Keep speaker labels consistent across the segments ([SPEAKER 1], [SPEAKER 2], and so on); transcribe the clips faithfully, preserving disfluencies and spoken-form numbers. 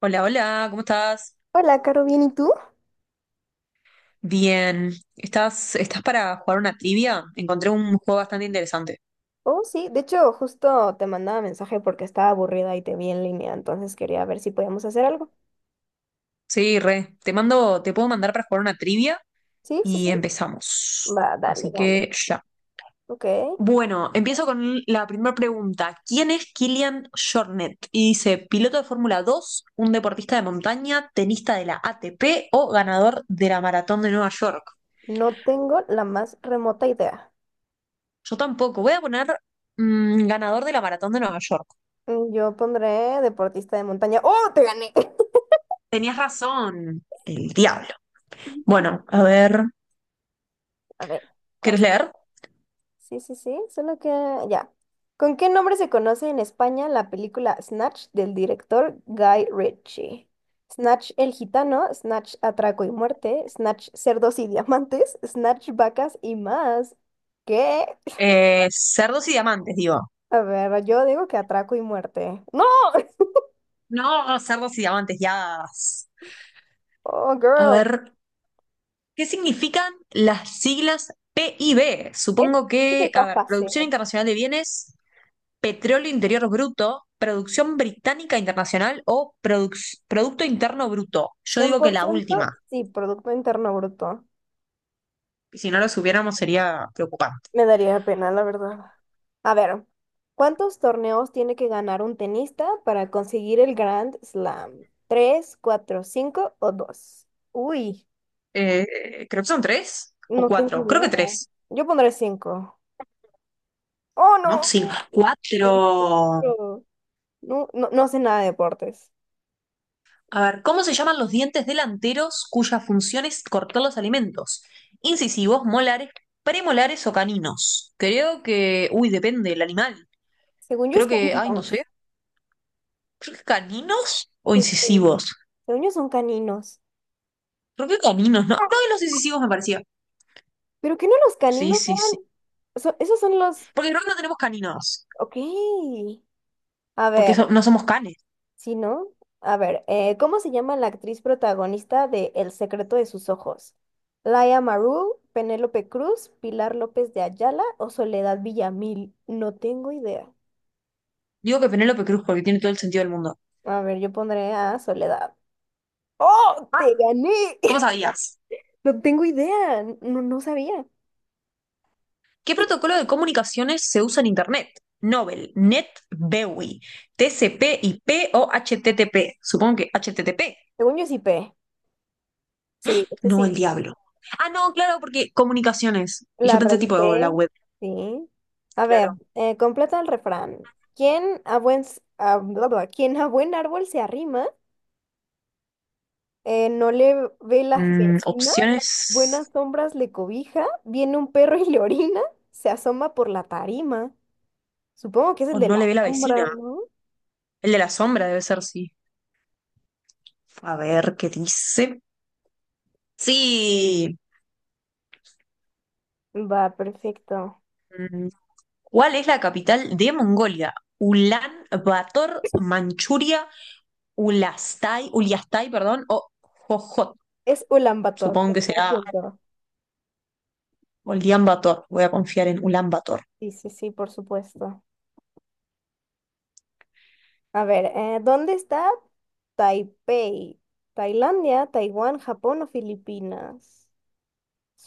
[SPEAKER 1] Hola, hola, ¿cómo estás?
[SPEAKER 2] Hola, Caro, ¿bien y tú?
[SPEAKER 1] Bien, ¿estás, estás para jugar una trivia? Encontré un juego bastante interesante.
[SPEAKER 2] Oh, sí, de hecho, justo te mandaba mensaje porque estaba aburrida y te vi en línea, entonces quería ver si podíamos hacer algo.
[SPEAKER 1] Sí, re, te mando, te puedo mandar para jugar una trivia
[SPEAKER 2] Sí, sí,
[SPEAKER 1] y
[SPEAKER 2] sí.
[SPEAKER 1] empezamos.
[SPEAKER 2] Va, dale,
[SPEAKER 1] Así
[SPEAKER 2] dale.
[SPEAKER 1] que ya.
[SPEAKER 2] Ok.
[SPEAKER 1] Bueno, empiezo con la primera pregunta. ¿Quién es Kilian Jornet? Y dice, piloto de Fórmula dos un deportista de montaña, tenista de la A T P o ganador de la Maratón de Nueva York.
[SPEAKER 2] No tengo la más remota idea.
[SPEAKER 1] Yo tampoco, voy a poner mm, ganador de la Maratón de Nueva York.
[SPEAKER 2] Mm, yo pondré deportista de montaña. ¡Oh, te gané!
[SPEAKER 1] Tenías razón, el diablo. Bueno, a ver,
[SPEAKER 2] A ver, ¿cuál?
[SPEAKER 1] ¿quieres leer?
[SPEAKER 2] Sí, sí, sí, solo que ya. ¿Con qué nombre se conoce en España la película Snatch del director Guy Ritchie? Snatch el gitano, Snatch atraco y muerte, Snatch cerdos y diamantes, Snatch vacas y más. ¿Qué?
[SPEAKER 1] Eh, cerdos y diamantes, digo.
[SPEAKER 2] A ver, yo digo que atraco y muerte. ¡No!
[SPEAKER 1] No, cerdos y diamantes, ya.
[SPEAKER 2] Oh,
[SPEAKER 1] A
[SPEAKER 2] girl.
[SPEAKER 1] ver, ¿qué significan las siglas P I B?
[SPEAKER 2] Eso
[SPEAKER 1] Supongo
[SPEAKER 2] eso
[SPEAKER 1] que,
[SPEAKER 2] está
[SPEAKER 1] a ver,
[SPEAKER 2] fácil.
[SPEAKER 1] Producción Internacional de Bienes, Petróleo Interior Bruto, Producción Británica Internacional o Produc- Producto Interno Bruto. Yo
[SPEAKER 2] Cien
[SPEAKER 1] digo que
[SPEAKER 2] por
[SPEAKER 1] la
[SPEAKER 2] ciento
[SPEAKER 1] última.
[SPEAKER 2] sí, Producto Interno Bruto.
[SPEAKER 1] Y si no lo supiéramos sería preocupante.
[SPEAKER 2] Me daría pena, la verdad. A ver, ¿cuántos torneos tiene que ganar un tenista para conseguir el Grand Slam? ¿Tres, cuatro, cinco o dos? Uy,
[SPEAKER 1] Eh, creo que son tres o
[SPEAKER 2] no tengo
[SPEAKER 1] cuatro. Creo que
[SPEAKER 2] idea.
[SPEAKER 1] tres.
[SPEAKER 2] Yo pondré cinco. ¡Oh,
[SPEAKER 1] No,
[SPEAKER 2] no!
[SPEAKER 1] sí. Cuatro.
[SPEAKER 2] Cuatro. No, no, no sé nada de deportes.
[SPEAKER 1] A ver, ¿cómo se llaman los dientes delanteros cuya función es cortar los alimentos? Incisivos, molares, premolares o caninos. Creo que, uy, depende del animal.
[SPEAKER 2] Según yo es
[SPEAKER 1] Creo que, ay, no sé.
[SPEAKER 2] caninos.
[SPEAKER 1] Creo que caninos o
[SPEAKER 2] Sí, sí.
[SPEAKER 1] incisivos.
[SPEAKER 2] Según yo son caninos.
[SPEAKER 1] Creo que caninos, ¿no? No, y los incisivos me parecía.
[SPEAKER 2] ¿Pero que no los
[SPEAKER 1] Sí,
[SPEAKER 2] caninos
[SPEAKER 1] sí, sí.
[SPEAKER 2] eran? So- esos son los...
[SPEAKER 1] Porque creo que no tenemos caninos.
[SPEAKER 2] Ok. A
[SPEAKER 1] Porque
[SPEAKER 2] ver.
[SPEAKER 1] so- no somos canes.
[SPEAKER 2] Sí, ¿no? A ver, eh, ¿cómo se llama la actriz protagonista de El secreto de sus ojos? ¿Laia Maru, Penélope Cruz, Pilar López de Ayala o Soledad Villamil? No tengo idea.
[SPEAKER 1] Digo que Penélope Cruz porque tiene todo el sentido del mundo.
[SPEAKER 2] A ver, yo pondré a Soledad. ¡Oh!
[SPEAKER 1] Ah,
[SPEAKER 2] ¡Te gané!
[SPEAKER 1] ¿cómo sabías?
[SPEAKER 2] No tengo idea. No, no sabía.
[SPEAKER 1] ¿Qué protocolo de comunicaciones se usa en Internet? Nobel, NET, BEWI, TCP, IP o HTTP. Supongo que HTTP.
[SPEAKER 2] Según yo sí P. Sí, sí,
[SPEAKER 1] No, el
[SPEAKER 2] sí.
[SPEAKER 1] diablo. Ah, no, claro, porque comunicaciones. Y yo
[SPEAKER 2] La
[SPEAKER 1] pensé tipo oh, la
[SPEAKER 2] reedité.
[SPEAKER 1] web,
[SPEAKER 2] Sí. A ver,
[SPEAKER 1] claro.
[SPEAKER 2] eh, completa el refrán. ¿Quién a buen, s- a- bla, bla, ¿Quién a buen árbol se arrima? Eh, no le ve las
[SPEAKER 1] Mm,
[SPEAKER 2] vecinas, buenas
[SPEAKER 1] opciones.
[SPEAKER 2] sombras le cobija, viene un perro y le orina, se asoma por la tarima. Supongo que es el
[SPEAKER 1] O
[SPEAKER 2] de
[SPEAKER 1] no
[SPEAKER 2] la
[SPEAKER 1] le ve la
[SPEAKER 2] sombra,
[SPEAKER 1] vecina.
[SPEAKER 2] ¿no?
[SPEAKER 1] El de la sombra debe ser, sí. A ver qué dice. Sí.
[SPEAKER 2] Va, perfecto.
[SPEAKER 1] Mm, ¿cuál es la capital de Mongolia? Ulan Bator, Manchuria, Ulastai, Uliastai, perdón, o Jojot.
[SPEAKER 2] Es Ulan Bator,
[SPEAKER 1] Supongo que será
[SPEAKER 2] cien por ciento.
[SPEAKER 1] Ulan Bator. Voy a confiar en Ulan Bator.
[SPEAKER 2] Sí, sí, sí, por supuesto. A ver, eh, ¿dónde está Taipei? ¿Tailandia, Taiwán, Japón o Filipinas?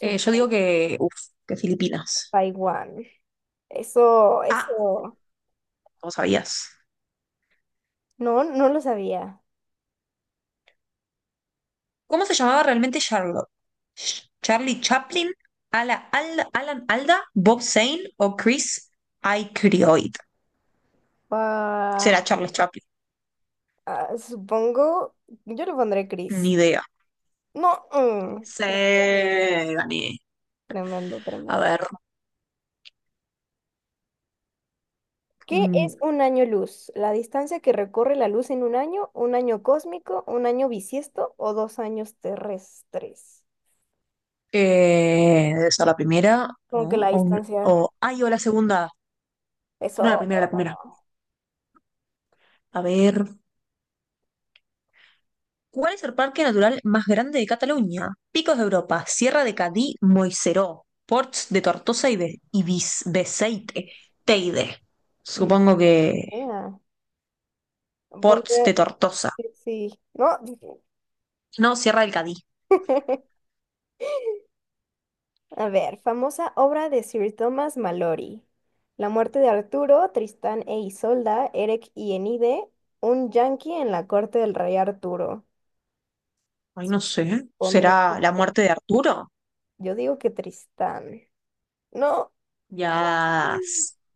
[SPEAKER 1] Eh, yo digo que, uf, que Filipinas.
[SPEAKER 2] Taiwán. Eso,
[SPEAKER 1] Ah,
[SPEAKER 2] eso,
[SPEAKER 1] no sabías.
[SPEAKER 2] no, no lo sabía.
[SPEAKER 1] ¿Cómo se llamaba realmente Charlotte? Sh- ¿Charlie Chaplin, Ala- Al- Alan Alda, Bob Zane o Chris Aykroyd? Será
[SPEAKER 2] Ah,
[SPEAKER 1] Charles Chaplin,
[SPEAKER 2] ah, supongo, yo lo pondré
[SPEAKER 1] ni
[SPEAKER 2] gris.
[SPEAKER 1] idea.
[SPEAKER 2] No,
[SPEAKER 1] Sí,
[SPEAKER 2] mm,
[SPEAKER 1] gané.
[SPEAKER 2] tremendo,
[SPEAKER 1] A
[SPEAKER 2] tremendo.
[SPEAKER 1] ver,
[SPEAKER 2] ¿Qué
[SPEAKER 1] mm,
[SPEAKER 2] es un año luz? La distancia que recorre la luz en un año, un año cósmico, un año bisiesto o dos años terrestres.
[SPEAKER 1] eh, debe ser la primera,
[SPEAKER 2] Como que
[SPEAKER 1] ¿no?
[SPEAKER 2] la
[SPEAKER 1] O, un-
[SPEAKER 2] distancia,
[SPEAKER 1] o- ay, o la segunda. No, la
[SPEAKER 2] eso,
[SPEAKER 1] primera, la primera. A ver, ¿cuál es el parque natural más grande de Cataluña? Picos de Europa, Sierra de Cadí, Moixeró, Ports de Tortosa y, Be- y Bis- Beceite, Teide.
[SPEAKER 2] no
[SPEAKER 1] Supongo que
[SPEAKER 2] sé.
[SPEAKER 1] Ports
[SPEAKER 2] Ponte,
[SPEAKER 1] de Tortosa.
[SPEAKER 2] sí, no.
[SPEAKER 1] No, Sierra del Cadí.
[SPEAKER 2] A ver, famosa obra de Sir Thomas Malory. La muerte de Arturo, Tristán e Isolda, Eric y Enide, un yanqui en la corte del rey Arturo.
[SPEAKER 1] Ay, no sé.
[SPEAKER 2] Pondré.
[SPEAKER 1] ¿Será la muerte de Arturo?
[SPEAKER 2] Yo digo que Tristán. No,
[SPEAKER 1] Ya.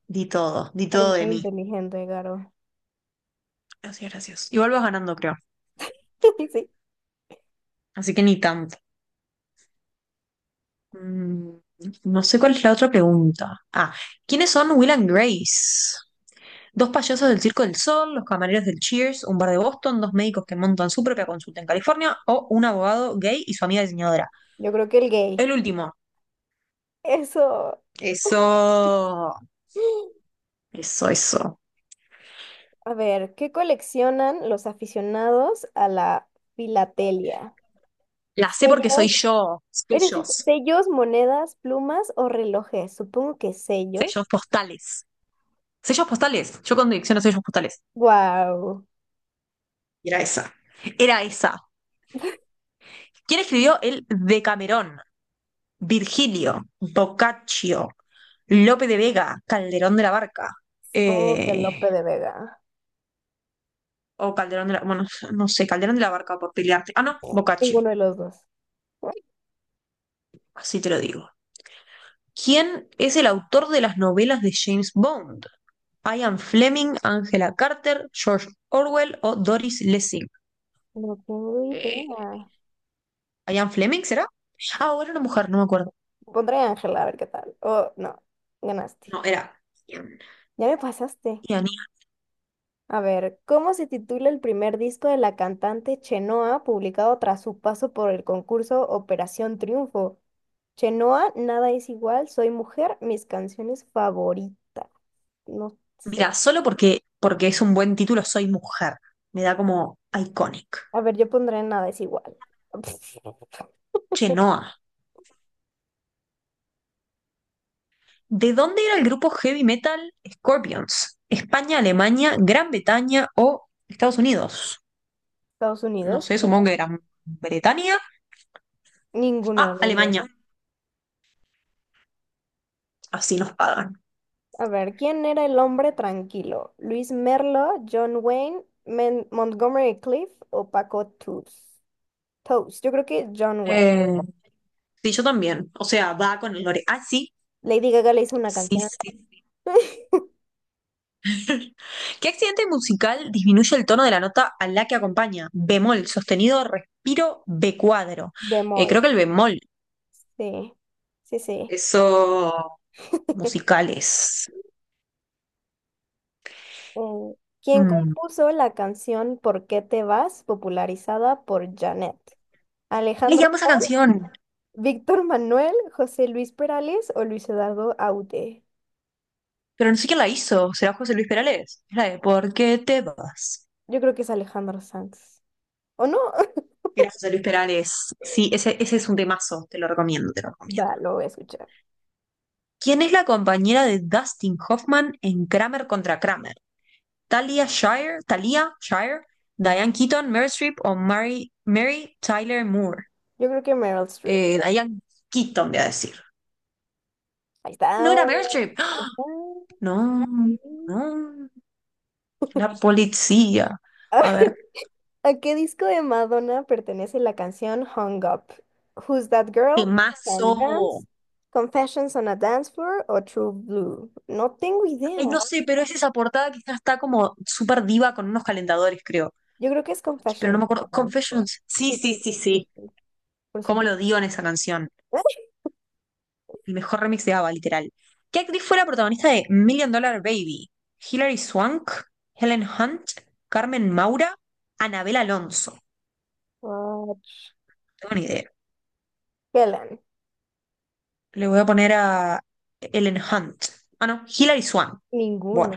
[SPEAKER 1] Di todo, di todo
[SPEAKER 2] eres
[SPEAKER 1] de
[SPEAKER 2] muy
[SPEAKER 1] mí.
[SPEAKER 2] inteligente, Garo.
[SPEAKER 1] Gracias, gracias. Igual vas ganando, creo.
[SPEAKER 2] Sí,
[SPEAKER 1] Así que ni tanto. Mm, no sé cuál es la otra pregunta. Ah, ¿quiénes son Will and Grace? Dos payasos del Circo del Sol, los camareros del Cheers, un bar de Boston, dos médicos que montan su propia consulta en California o un abogado gay y su amiga diseñadora.
[SPEAKER 2] yo creo que el gay.
[SPEAKER 1] El último.
[SPEAKER 2] Eso.
[SPEAKER 1] Eso. Eso, eso.
[SPEAKER 2] A ver, ¿qué coleccionan los aficionados a la filatelia?
[SPEAKER 1] La sé porque soy
[SPEAKER 2] Sellos,
[SPEAKER 1] yo.
[SPEAKER 2] eres-
[SPEAKER 1] Sellos.
[SPEAKER 2] sellos, monedas, plumas o relojes. Supongo que sellos.
[SPEAKER 1] Sellos postales. Sellos postales. Yo con dirección a sellos postales.
[SPEAKER 2] Wow.
[SPEAKER 1] Era esa. Era esa. ¿Quién escribió el Decamerón? Virgilio, Boccaccio, Lope de Vega, Calderón de la Barca.
[SPEAKER 2] Supongo que
[SPEAKER 1] eh,
[SPEAKER 2] Lope de Vega.
[SPEAKER 1] o Calderón de la. Bueno, no sé, Calderón de la Barca por pelearte. Ah, no, Boccaccio,
[SPEAKER 2] Ninguno de los dos.
[SPEAKER 1] así te lo digo. ¿Quién es el autor de las novelas de James Bond? Ian Fleming, Angela Carter, George Orwell o Doris Lessing.
[SPEAKER 2] No tengo
[SPEAKER 1] Eh,
[SPEAKER 2] idea.
[SPEAKER 1] ¿Ian Fleming será? Ah, o era una mujer, no me acuerdo.
[SPEAKER 2] Pondré Ángela a ver qué tal. Oh, no. Ganaste.
[SPEAKER 1] No, era. Ian.
[SPEAKER 2] Ya me pasaste.
[SPEAKER 1] Ian, Ian.
[SPEAKER 2] A ver, ¿cómo se titula el primer disco de la cantante Chenoa publicado tras su paso por el concurso Operación Triunfo? Chenoa, nada es igual, soy mujer, mis canciones favoritas. No
[SPEAKER 1] Mira,
[SPEAKER 2] sé.
[SPEAKER 1] solo porque, porque es un buen título, soy mujer. Me da como iconic.
[SPEAKER 2] A ver, yo pondré nada es igual.
[SPEAKER 1] Chenoa. ¿De dónde era el grupo heavy metal Scorpions? ¿España, Alemania, Gran Bretaña o Estados Unidos?
[SPEAKER 2] Estados
[SPEAKER 1] No
[SPEAKER 2] Unidos.
[SPEAKER 1] sé, supongo que Gran Bretaña.
[SPEAKER 2] Ninguno de
[SPEAKER 1] Ah,
[SPEAKER 2] los dos.
[SPEAKER 1] Alemania. Así nos pagan.
[SPEAKER 2] A ver, ¿quién era el hombre tranquilo? ¿Luis Merlo, John Wayne, Men- Montgomery Cliff o Paco Tus- Toast? Yo creo que John Wayne.
[SPEAKER 1] Eh, sí, yo también. O sea, va con el lore. Ah, sí.
[SPEAKER 2] Lady Gaga le hizo una
[SPEAKER 1] Sí,
[SPEAKER 2] canción
[SPEAKER 1] sí. ¿Qué accidente musical disminuye el tono de la nota a la que acompaña? Bemol, sostenido, respiro, B cuadro. Eh, creo
[SPEAKER 2] bemol.
[SPEAKER 1] que el bemol.
[SPEAKER 2] Sí, sí, sí.
[SPEAKER 1] Eso. Musicales.
[SPEAKER 2] Eh, ¿quién
[SPEAKER 1] Mm.
[SPEAKER 2] compuso la canción ¿Por qué te vas? Popularizada por Janet?
[SPEAKER 1] Le
[SPEAKER 2] ¿Alejandro
[SPEAKER 1] llamo esa
[SPEAKER 2] Sanz,
[SPEAKER 1] canción.
[SPEAKER 2] Víctor Manuel, José Luis Perales o Luis Eduardo Aute?
[SPEAKER 1] Pero no sé quién la hizo, será José Luis Perales. Es la de ¿Por qué te vas?
[SPEAKER 2] Yo creo que es Alejandro Sanz. ¿O no?
[SPEAKER 1] Era José Luis Perales. Sí, ese, ese es un temazo, te lo recomiendo, te lo recomiendo.
[SPEAKER 2] Va, lo voy a escuchar.
[SPEAKER 1] ¿Quién es la compañera de Dustin Hoffman en Kramer contra Kramer? ¿Talia Shire? ¿Talia Shire? ¿Diane Keaton, Meryl Streep o Mary, Mary Tyler Moore?
[SPEAKER 2] Yo creo que Meryl Streep.
[SPEAKER 1] Eh, Diane Keaton, voy a decir.
[SPEAKER 2] Ahí está.
[SPEAKER 1] No
[SPEAKER 2] Ahí
[SPEAKER 1] era Meryl Streep. ¡Ah! No,
[SPEAKER 2] sí.
[SPEAKER 1] no. La policía.
[SPEAKER 2] Ay,
[SPEAKER 1] A ver,
[SPEAKER 2] ¿a qué disco de Madonna pertenece la canción Hung Up? Who's That Girl?
[SPEAKER 1] temazo.
[SPEAKER 2] Can Dance? Confessions on a Dance Floor o True Blue? No tengo
[SPEAKER 1] Ay, no
[SPEAKER 2] idea.
[SPEAKER 1] sé, pero es esa portada que ya está como súper diva con unos calentadores, creo.
[SPEAKER 2] Yo creo que es
[SPEAKER 1] Pero no
[SPEAKER 2] Confessions
[SPEAKER 1] me
[SPEAKER 2] on
[SPEAKER 1] acuerdo.
[SPEAKER 2] a Dance Floor.
[SPEAKER 1] Confessions. Sí,
[SPEAKER 2] Sí,
[SPEAKER 1] sí,
[SPEAKER 2] sí, sí,
[SPEAKER 1] sí,
[SPEAKER 2] sí,
[SPEAKER 1] sí.
[SPEAKER 2] sí. Por
[SPEAKER 1] ¿Cómo
[SPEAKER 2] supuesto.
[SPEAKER 1] lo dio en esa canción? El mejor remix de ABBA, literal. ¿Qué actriz fue la protagonista de Million Dollar Baby? Hilary Swank, Helen Hunt, Carmen Maura, Anabel Alonso. No
[SPEAKER 2] Ah,
[SPEAKER 1] tengo ni idea.
[SPEAKER 2] Helen.
[SPEAKER 1] Le voy a poner a Helen Hunt. Ah, no, Hilary Swank. Bueno,
[SPEAKER 2] Ninguna.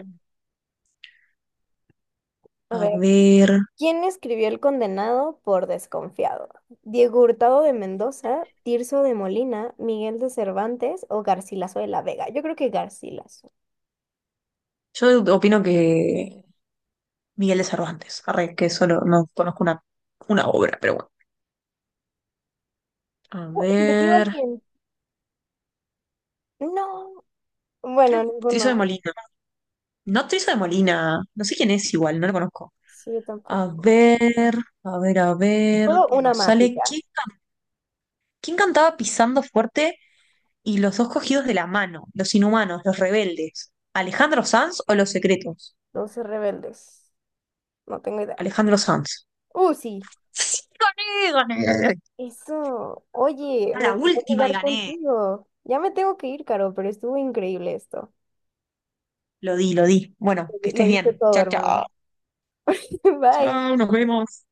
[SPEAKER 2] A
[SPEAKER 1] a
[SPEAKER 2] ver.
[SPEAKER 1] ver.
[SPEAKER 2] ¿Quién escribió El condenado por desconfiado? ¿Diego Hurtado de Mendoza, Tirso de Molina, Miguel de Cervantes o Garcilaso de la Vega? Yo creo que Garcilaso.
[SPEAKER 1] Yo opino que Miguel de Cervantes. Arre, que solo no conozco una, una obra, pero bueno. A
[SPEAKER 2] Oh, ¿se metió
[SPEAKER 1] ver.
[SPEAKER 2] alguien? No.
[SPEAKER 1] Creo
[SPEAKER 2] Bueno,
[SPEAKER 1] que Triso de
[SPEAKER 2] ninguno.
[SPEAKER 1] Molina. No, Triso de Molina. No sé quién es igual, no lo conozco.
[SPEAKER 2] Sí, yo
[SPEAKER 1] A
[SPEAKER 2] tampoco.
[SPEAKER 1] ver, a ver, a ver,
[SPEAKER 2] Puedo
[SPEAKER 1] que
[SPEAKER 2] una
[SPEAKER 1] nos
[SPEAKER 2] más y
[SPEAKER 1] sale.
[SPEAKER 2] ya.
[SPEAKER 1] ¿Quién, ca- quién cantaba pisando fuerte y los dos cogidos de la mano? Los inhumanos, los rebeldes. ¿Alejandro Sanz o los secretos?
[SPEAKER 2] Los rebeldes. No tengo idea.
[SPEAKER 1] Alejandro Sanz.
[SPEAKER 2] Uh, sí.
[SPEAKER 1] Sí, gané, gané.
[SPEAKER 2] Eso. Oye,
[SPEAKER 1] A
[SPEAKER 2] me
[SPEAKER 1] la
[SPEAKER 2] encantó
[SPEAKER 1] última y
[SPEAKER 2] jugar
[SPEAKER 1] gané.
[SPEAKER 2] contigo. Ya me tengo que ir, Caro, pero estuvo increíble esto.
[SPEAKER 1] Lo di, lo di. Bueno, que
[SPEAKER 2] Lo
[SPEAKER 1] estés
[SPEAKER 2] diste
[SPEAKER 1] bien.
[SPEAKER 2] todo,
[SPEAKER 1] Chao,
[SPEAKER 2] hermana.
[SPEAKER 1] chao.
[SPEAKER 2] Bye.
[SPEAKER 1] Chao, nos vemos.